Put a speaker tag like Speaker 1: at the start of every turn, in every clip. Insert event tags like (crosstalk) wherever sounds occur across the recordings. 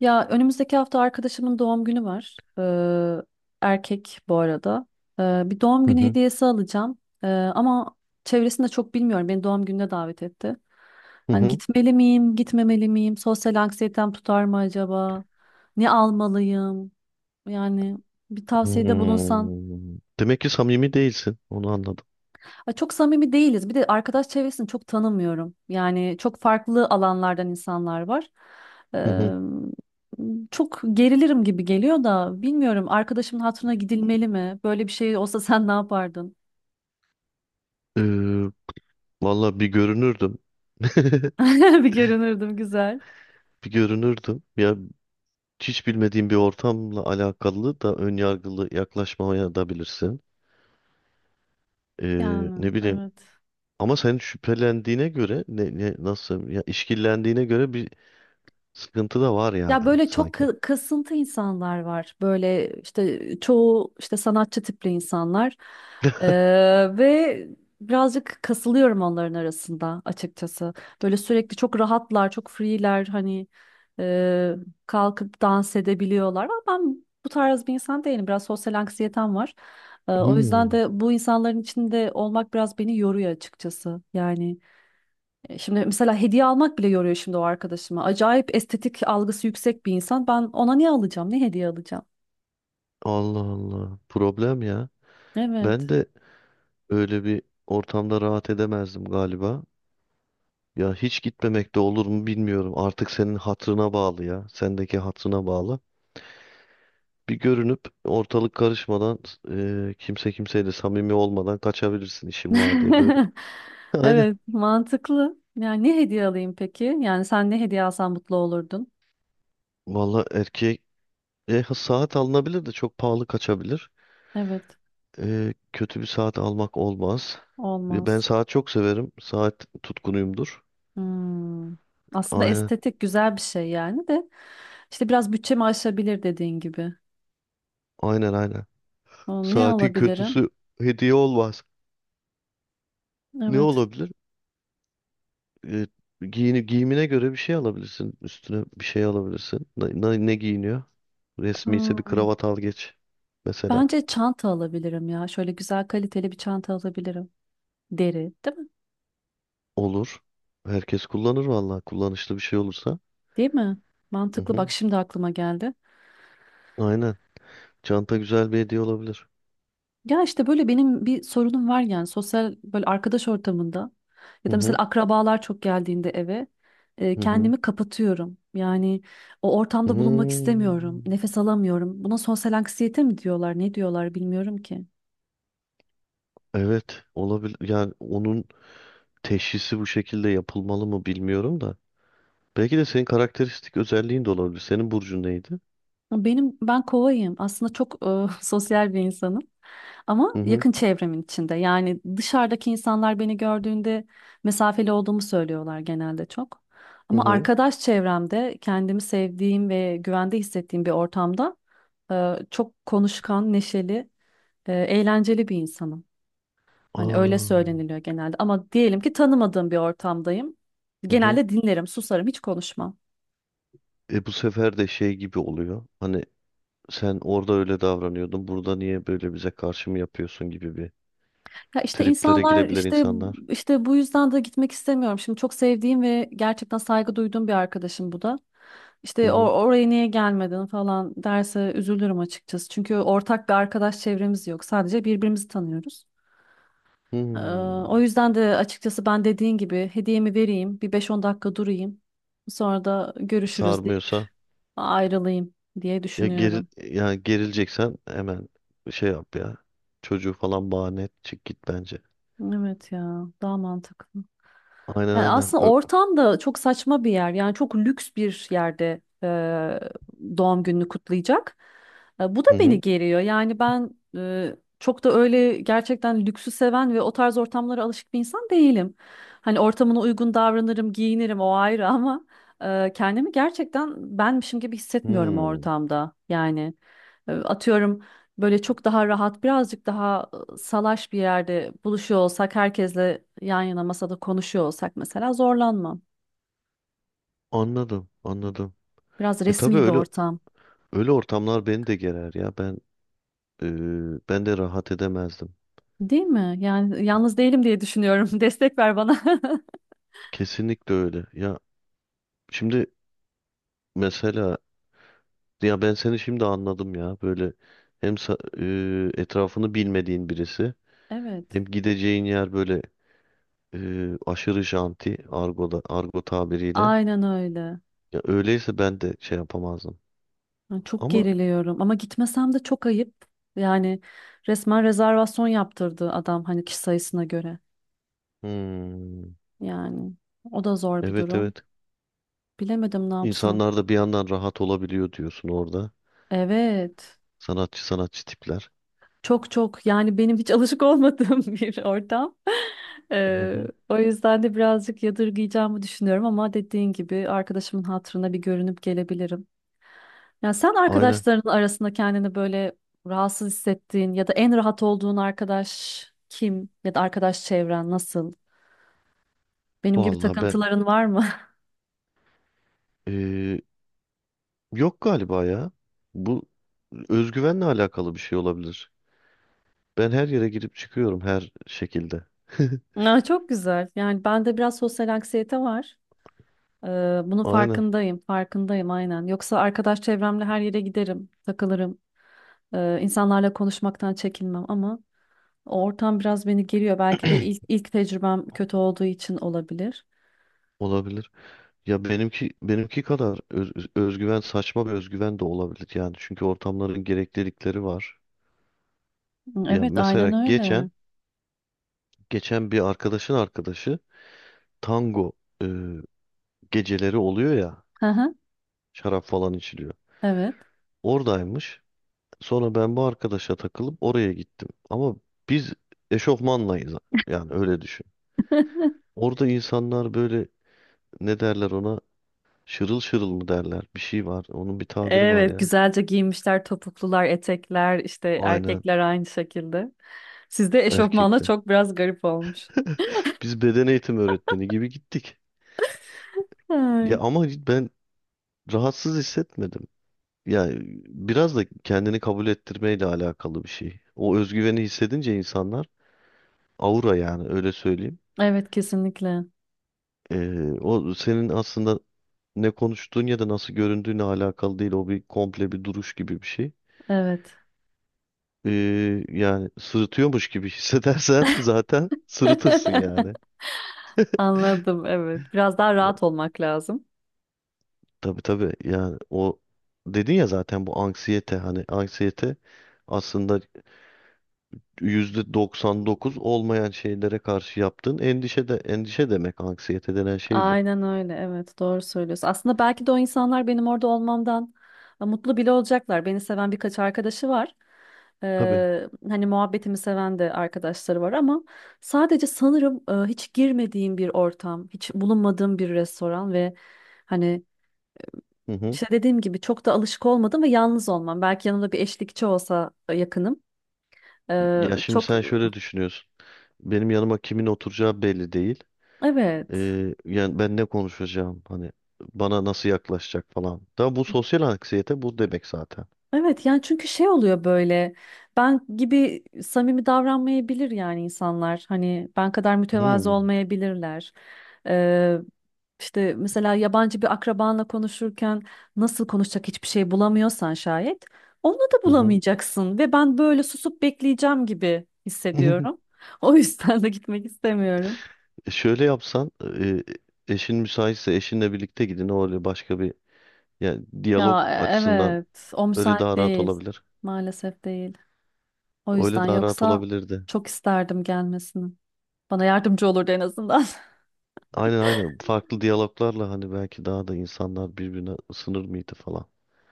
Speaker 1: Ya önümüzdeki hafta arkadaşımın doğum günü var. Erkek bu arada. Bir doğum
Speaker 2: Hı
Speaker 1: günü
Speaker 2: hı.
Speaker 1: hediyesi alacağım. Ama çevresinde çok bilmiyorum. Beni doğum gününe davet etti.
Speaker 2: Hı
Speaker 1: Hani
Speaker 2: hı.
Speaker 1: gitmeli miyim, gitmemeli miyim? Sosyal anksiyetem tutar mı acaba? Ne almalıyım? Yani bir tavsiyede bulunsan.
Speaker 2: Hmm. Demek ki samimi değilsin. Onu anladım.
Speaker 1: Ya çok samimi değiliz. Bir de arkadaş çevresini çok tanımıyorum. Yani çok farklı alanlardan insanlar var.
Speaker 2: Hı
Speaker 1: Eee,
Speaker 2: hı.
Speaker 1: Çok gerilirim gibi geliyor da bilmiyorum arkadaşımın hatırına gidilmeli mi? Böyle bir şey olsa (laughs) sen ne yapardın?
Speaker 2: Ee, Valla bir görünürdüm.
Speaker 1: (laughs) Bir görünürdüm güzel.
Speaker 2: Bir görünürdüm. Ya hiç bilmediğim bir ortamla alakalı da ön yargılı yaklaşmaya da bilirsin.
Speaker 1: Yani
Speaker 2: Ne bileyim.
Speaker 1: evet.
Speaker 2: Ama senin şüphelendiğine göre ne nasıl ya işkillendiğine göre bir sıkıntı da var
Speaker 1: Ya
Speaker 2: yani
Speaker 1: böyle çok
Speaker 2: sanki.
Speaker 1: kasıntı insanlar var. Böyle işte çoğu işte sanatçı tipli insanlar. Ee, ve birazcık kasılıyorum onların arasında açıkçası. Böyle sürekli çok rahatlar, çok free'ler hani e, kalkıp dans edebiliyorlar. Ama ben bu tarz bir insan değilim. Biraz sosyal anksiyetem var. O yüzden
Speaker 2: Hmm.
Speaker 1: de bu insanların içinde olmak biraz beni yoruyor açıkçası. Şimdi mesela hediye almak bile yoruyor şimdi o arkadaşıma. Acayip estetik algısı yüksek bir insan. Ben ona ne alacağım? Ne hediye alacağım?
Speaker 2: Allah Allah. Problem ya.
Speaker 1: Evet.
Speaker 2: Ben de öyle bir ortamda rahat edemezdim galiba. Ya hiç gitmemek de olur mu bilmiyorum. Artık senin hatırına bağlı ya. Sendeki hatırına bağlı. Bir görünüp ortalık karışmadan kimse kimseyle samimi olmadan kaçabilirsin işin var diye böyle.
Speaker 1: (laughs)
Speaker 2: (laughs) Aynen.
Speaker 1: Evet, mantıklı. Yani ne hediye alayım peki? Yani sen ne hediye alsan mutlu olurdun?
Speaker 2: Valla erkeğe saat alınabilir de çok pahalı kaçabilir.
Speaker 1: Evet,
Speaker 2: E, kötü bir saat almak olmaz. Ve ben
Speaker 1: olmaz.
Speaker 2: saat çok severim. Saat tutkunuyumdur.
Speaker 1: Hmm. Aslında
Speaker 2: Aynen.
Speaker 1: estetik güzel bir şey yani de işte biraz bütçemi aşabilir dediğin gibi.
Speaker 2: Aynen aynen.
Speaker 1: Aa, ne
Speaker 2: Saatin
Speaker 1: alabilirim?
Speaker 2: kötüsü hediye olmaz. Ne
Speaker 1: Evet.
Speaker 2: olabilir? e, Giyimine göre bir şey alabilirsin. Üstüne bir şey alabilirsin. Ne giyiniyor? Resmi ise bir
Speaker 1: Hmm.
Speaker 2: kravat al geç. Mesela.
Speaker 1: Bence çanta alabilirim ya. Şöyle güzel kaliteli bir çanta alabilirim. Deri, değil mi?
Speaker 2: Olur. Herkes kullanır vallahi. Kullanışlı bir şey olursa.
Speaker 1: Değil mi?
Speaker 2: Hı
Speaker 1: Mantıklı bak
Speaker 2: hı.
Speaker 1: şimdi aklıma geldi.
Speaker 2: Aynen. Çanta güzel bir hediye olabilir.
Speaker 1: Ya işte böyle benim bir sorunum var yani sosyal böyle arkadaş ortamında ya
Speaker 2: Hı
Speaker 1: da mesela
Speaker 2: hı.
Speaker 1: akrabalar çok geldiğinde eve
Speaker 2: Hı hı.
Speaker 1: kendimi kapatıyorum. Yani o ortamda bulunmak istemiyorum.
Speaker 2: Hmm.
Speaker 1: Nefes alamıyorum. Buna sosyal anksiyete mi diyorlar, ne diyorlar bilmiyorum ki.
Speaker 2: Evet. Olabilir. Yani onun teşhisi bu şekilde yapılmalı mı bilmiyorum da. Belki de senin karakteristik özelliğin de olabilir. Senin burcun neydi?
Speaker 1: Benim ben kovayım. Aslında çok (laughs) sosyal bir insanım. Ama
Speaker 2: Hı hı.
Speaker 1: yakın çevremin içinde. Yani dışarıdaki insanlar beni gördüğünde mesafeli olduğumu söylüyorlar genelde çok.
Speaker 2: Hı
Speaker 1: Ama
Speaker 2: hı.
Speaker 1: arkadaş çevremde kendimi sevdiğim ve güvende hissettiğim bir ortamda çok konuşkan, neşeli, eğlenceli bir insanım. Hani öyle
Speaker 2: Aa.
Speaker 1: söyleniliyor genelde. Ama diyelim ki tanımadığım bir ortamdayım.
Speaker 2: Hı hı.
Speaker 1: Genelde dinlerim, susarım, hiç konuşmam.
Speaker 2: E bu sefer de şey gibi oluyor. Hani sen orada öyle davranıyordun. Burada niye böyle bize karşı mı yapıyorsun gibi bir
Speaker 1: Ya işte
Speaker 2: triplere
Speaker 1: insanlar
Speaker 2: girebilir
Speaker 1: işte
Speaker 2: insanlar.
Speaker 1: işte bu yüzden de gitmek istemiyorum. Şimdi çok sevdiğim ve gerçekten saygı duyduğum bir arkadaşım bu da.
Speaker 2: Hı
Speaker 1: İşte
Speaker 2: hı.
Speaker 1: oraya niye gelmedin falan derse üzülürüm açıkçası. Çünkü ortak bir arkadaş çevremiz yok. Sadece birbirimizi tanıyoruz. Ee,
Speaker 2: Hmm.
Speaker 1: O yüzden de açıkçası ben dediğin gibi hediyemi vereyim, bir beş on dakika durayım. Sonra da görüşürüz deyip
Speaker 2: Sarmıyorsa
Speaker 1: ayrılayım diye
Speaker 2: ya geril
Speaker 1: düşünüyorum.
Speaker 2: yani gerileceksen hemen şey yap ya. Çocuğu falan bahane et, çık git bence.
Speaker 1: Evet ya, daha mantıklı.
Speaker 2: Aynen
Speaker 1: Yani
Speaker 2: aynen.
Speaker 1: aslında ortam da çok saçma bir yer. Yani çok lüks bir yerde doğum gününü kutlayacak. E, bu da
Speaker 2: Hı
Speaker 1: beni
Speaker 2: hı.
Speaker 1: geriyor. Yani ben çok da öyle gerçekten lüksü seven ve o tarz ortamlara alışık bir insan değilim. Hani ortamına uygun davranırım, giyinirim o ayrı (laughs) ama kendimi gerçekten benmişim gibi hissetmiyorum o
Speaker 2: Hmm.
Speaker 1: ortamda. Yani atıyorum. Böyle çok daha rahat, birazcık daha salaş bir yerde buluşuyor olsak, herkesle yan yana masada konuşuyor olsak mesela zorlanmam.
Speaker 2: Anladım, anladım.
Speaker 1: Biraz
Speaker 2: E tabii
Speaker 1: resmi bir
Speaker 2: öyle
Speaker 1: ortam,
Speaker 2: öyle ortamlar beni de gerer ya. Ben e, ben de rahat edemezdim.
Speaker 1: değil mi? Yani yalnız değilim diye düşünüyorum. (laughs) Destek ver bana. (laughs)
Speaker 2: Kesinlikle öyle. Ya şimdi mesela ya ben seni şimdi anladım ya. Böyle hem sa- etrafını bilmediğin birisi,
Speaker 1: Evet,
Speaker 2: hem gideceğin yer böyle aşırı janti, argoda argo tabiriyle.
Speaker 1: aynen öyle.
Speaker 2: Ya öyleyse ben de şey yapamazdım.
Speaker 1: Yani çok
Speaker 2: Ama
Speaker 1: geriliyorum ama gitmesem de çok ayıp. Yani resmen rezervasyon yaptırdı adam hani kişi sayısına göre.
Speaker 2: hmm,
Speaker 1: Yani o da zor bir
Speaker 2: evet
Speaker 1: durum.
Speaker 2: evet.
Speaker 1: Bilemedim ne yapsam.
Speaker 2: İnsanlar da bir yandan rahat olabiliyor diyorsun orada.
Speaker 1: Evet.
Speaker 2: Sanatçı sanatçı tipler.
Speaker 1: Çok çok yani benim hiç alışık olmadığım (laughs) bir ortam.
Speaker 2: Hı hı.
Speaker 1: O yüzden de birazcık yadırgayacağımı düşünüyorum ama dediğin gibi arkadaşımın hatırına bir görünüp gelebilirim. Ya sen
Speaker 2: Aynen.
Speaker 1: arkadaşların arasında kendini böyle rahatsız hissettiğin ya da en rahat olduğun arkadaş kim ya da arkadaş çevren nasıl? Benim gibi
Speaker 2: Vallahi
Speaker 1: takıntıların var mı?
Speaker 2: e, yok galiba ya. Bu özgüvenle alakalı bir şey olabilir. Ben her yere girip çıkıyorum her şekilde.
Speaker 1: (laughs)
Speaker 2: (laughs)
Speaker 1: Aa, çok güzel. Yani bende biraz sosyal anksiyete var. Ee, Bunun
Speaker 2: Aynen,
Speaker 1: farkındayım aynen. Yoksa arkadaş çevremle her yere giderim, takılırım. İnsanlarla konuşmaktan çekinmem ama o ortam biraz beni geriyor. Belki de ilk tecrübem kötü olduğu için olabilir.
Speaker 2: olabilir. Ya benimki kadar özgüven, saçma bir özgüven de olabilir yani. Çünkü ortamların gereklilikleri var. Ya
Speaker 1: Evet, aynen
Speaker 2: mesela geçen
Speaker 1: öyle.
Speaker 2: geçen bir arkadaşın arkadaşı tango e, geceleri oluyor ya.
Speaker 1: Hı hı,
Speaker 2: Şarap falan içiliyor.
Speaker 1: evet.
Speaker 2: Oradaymış. Sonra ben bu arkadaşa takılıp oraya gittim. Ama biz eşofmanlayız. Yani öyle düşün.
Speaker 1: (laughs)
Speaker 2: Orada insanlar böyle, ne derler ona? Şırıl şırıl mı derler? Bir şey var. Onun bir tabiri var
Speaker 1: Evet,
Speaker 2: ya.
Speaker 1: güzelce giyinmişler, topuklular, etekler, işte
Speaker 2: Aynen,
Speaker 1: erkekler aynı şekilde. Sizde eşofmanla
Speaker 2: erkekte.
Speaker 1: çok biraz garip olmuş.
Speaker 2: (laughs) Biz beden eğitimi öğretmeni gibi gittik. Ya
Speaker 1: Ay.
Speaker 2: ama ben rahatsız hissetmedim. Yani biraz da kendini kabul ettirmeyle alakalı bir şey. O özgüveni hissedince insanlar, aura yani öyle söyleyeyim.
Speaker 1: Evet, kesinlikle.
Speaker 2: O senin aslında ne konuştuğun ya da nasıl göründüğüne alakalı değil. O bir komple bir duruş gibi bir şey.
Speaker 1: Evet.
Speaker 2: Yani sırıtıyormuş gibi (laughs) hissedersen zaten sırıtırsın yani.
Speaker 1: (laughs) Anladım, evet. Biraz daha rahat olmak lazım.
Speaker 2: Tabii tabii, yani o dedin ya zaten, bu anksiyete, hani anksiyete aslında %99 olmayan şeylere karşı yaptığın endişe, de endişe demek anksiyete denen şey bu.
Speaker 1: Aynen öyle. Evet, doğru söylüyorsun. Aslında belki de o insanlar benim orada olmamdan mutlu bile olacaklar. Beni seven birkaç arkadaşı var.
Speaker 2: Tabii.
Speaker 1: Hani muhabbetimi seven de arkadaşları var ama sadece sanırım hiç girmediğim bir ortam, hiç bulunmadığım bir restoran ve hani
Speaker 2: Hı hı.
Speaker 1: işte dediğim gibi çok da alışık olmadım ve yalnız olmam. Belki yanımda bir eşlikçi olsa yakınım. Ee,
Speaker 2: Ya şimdi
Speaker 1: çok e,
Speaker 2: sen şöyle düşünüyorsun. Benim yanıma kimin oturacağı belli değil.
Speaker 1: evet.
Speaker 2: Yani ben ne konuşacağım, hani bana nasıl yaklaşacak falan. Da bu sosyal anksiyete bu demek zaten.
Speaker 1: Evet yani çünkü şey oluyor böyle ben gibi samimi davranmayabilir yani insanlar hani ben kadar mütevazı
Speaker 2: Hmm.
Speaker 1: olmayabilirler. Ee, işte mesela yabancı bir akrabanla konuşurken nasıl konuşacak hiçbir şey bulamıyorsan şayet onu da
Speaker 2: Hı hı.
Speaker 1: bulamayacaksın ve ben böyle susup bekleyeceğim gibi
Speaker 2: (laughs)
Speaker 1: hissediyorum. (laughs) O yüzden de gitmek istemiyorum.
Speaker 2: Şöyle yapsan, e, eşin müsaitse eşinle birlikte gidin. O öyle başka bir, yani diyalog
Speaker 1: Ya
Speaker 2: açısından
Speaker 1: evet o
Speaker 2: öyle
Speaker 1: müsait
Speaker 2: daha rahat
Speaker 1: değil
Speaker 2: olabilir.
Speaker 1: maalesef değil. O
Speaker 2: Öyle
Speaker 1: yüzden
Speaker 2: daha rahat
Speaker 1: yoksa
Speaker 2: olabilirdi.
Speaker 1: çok isterdim gelmesini. Bana yardımcı olurdu en azından. (laughs)
Speaker 2: Aynen aynen, farklı diyaloglarla, hani belki daha da insanlar birbirine ısınır mıydı falan.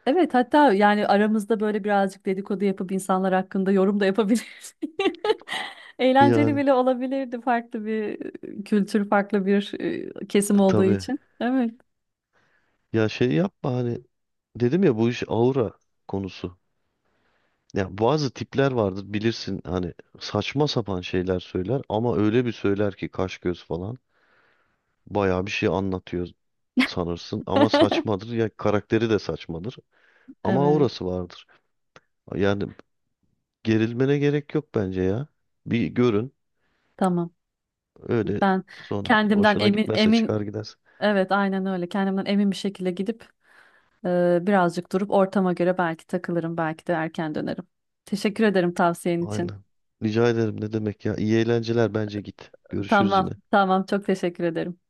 Speaker 1: Evet hatta yani aramızda böyle birazcık dedikodu yapıp insanlar hakkında yorum da yapabiliriz. (laughs) Eğlenceli
Speaker 2: Yani
Speaker 1: bile olabilirdi farklı bir kültür, farklı bir kesim olduğu
Speaker 2: tabii,
Speaker 1: için. Evet.
Speaker 2: ya şey yapma, hani dedim ya bu iş aura konusu. Ya bazı tipler vardır bilirsin, hani saçma sapan şeyler söyler ama öyle bir söyler ki, kaş göz falan. Bayağı bir şey anlatıyor sanırsın ama saçmadır.
Speaker 1: (laughs)
Speaker 2: Ya karakteri de saçmadır ama
Speaker 1: Evet,
Speaker 2: aurası vardır. Yani gerilmene gerek yok bence ya. Bir görün
Speaker 1: tamam.
Speaker 2: öyle,
Speaker 1: Ben
Speaker 2: sonra
Speaker 1: kendimden
Speaker 2: hoşuna
Speaker 1: emin
Speaker 2: gitmezse
Speaker 1: emin
Speaker 2: çıkar gidersin.
Speaker 1: evet aynen öyle. Kendimden emin bir şekilde gidip birazcık durup ortama göre belki takılırım, belki de erken dönerim. Teşekkür ederim tavsiyen için.
Speaker 2: Aynen. Rica ederim, ne demek ya. İyi eğlenceler, bence git. Görüşürüz yine.
Speaker 1: Tamam, tamam çok teşekkür ederim.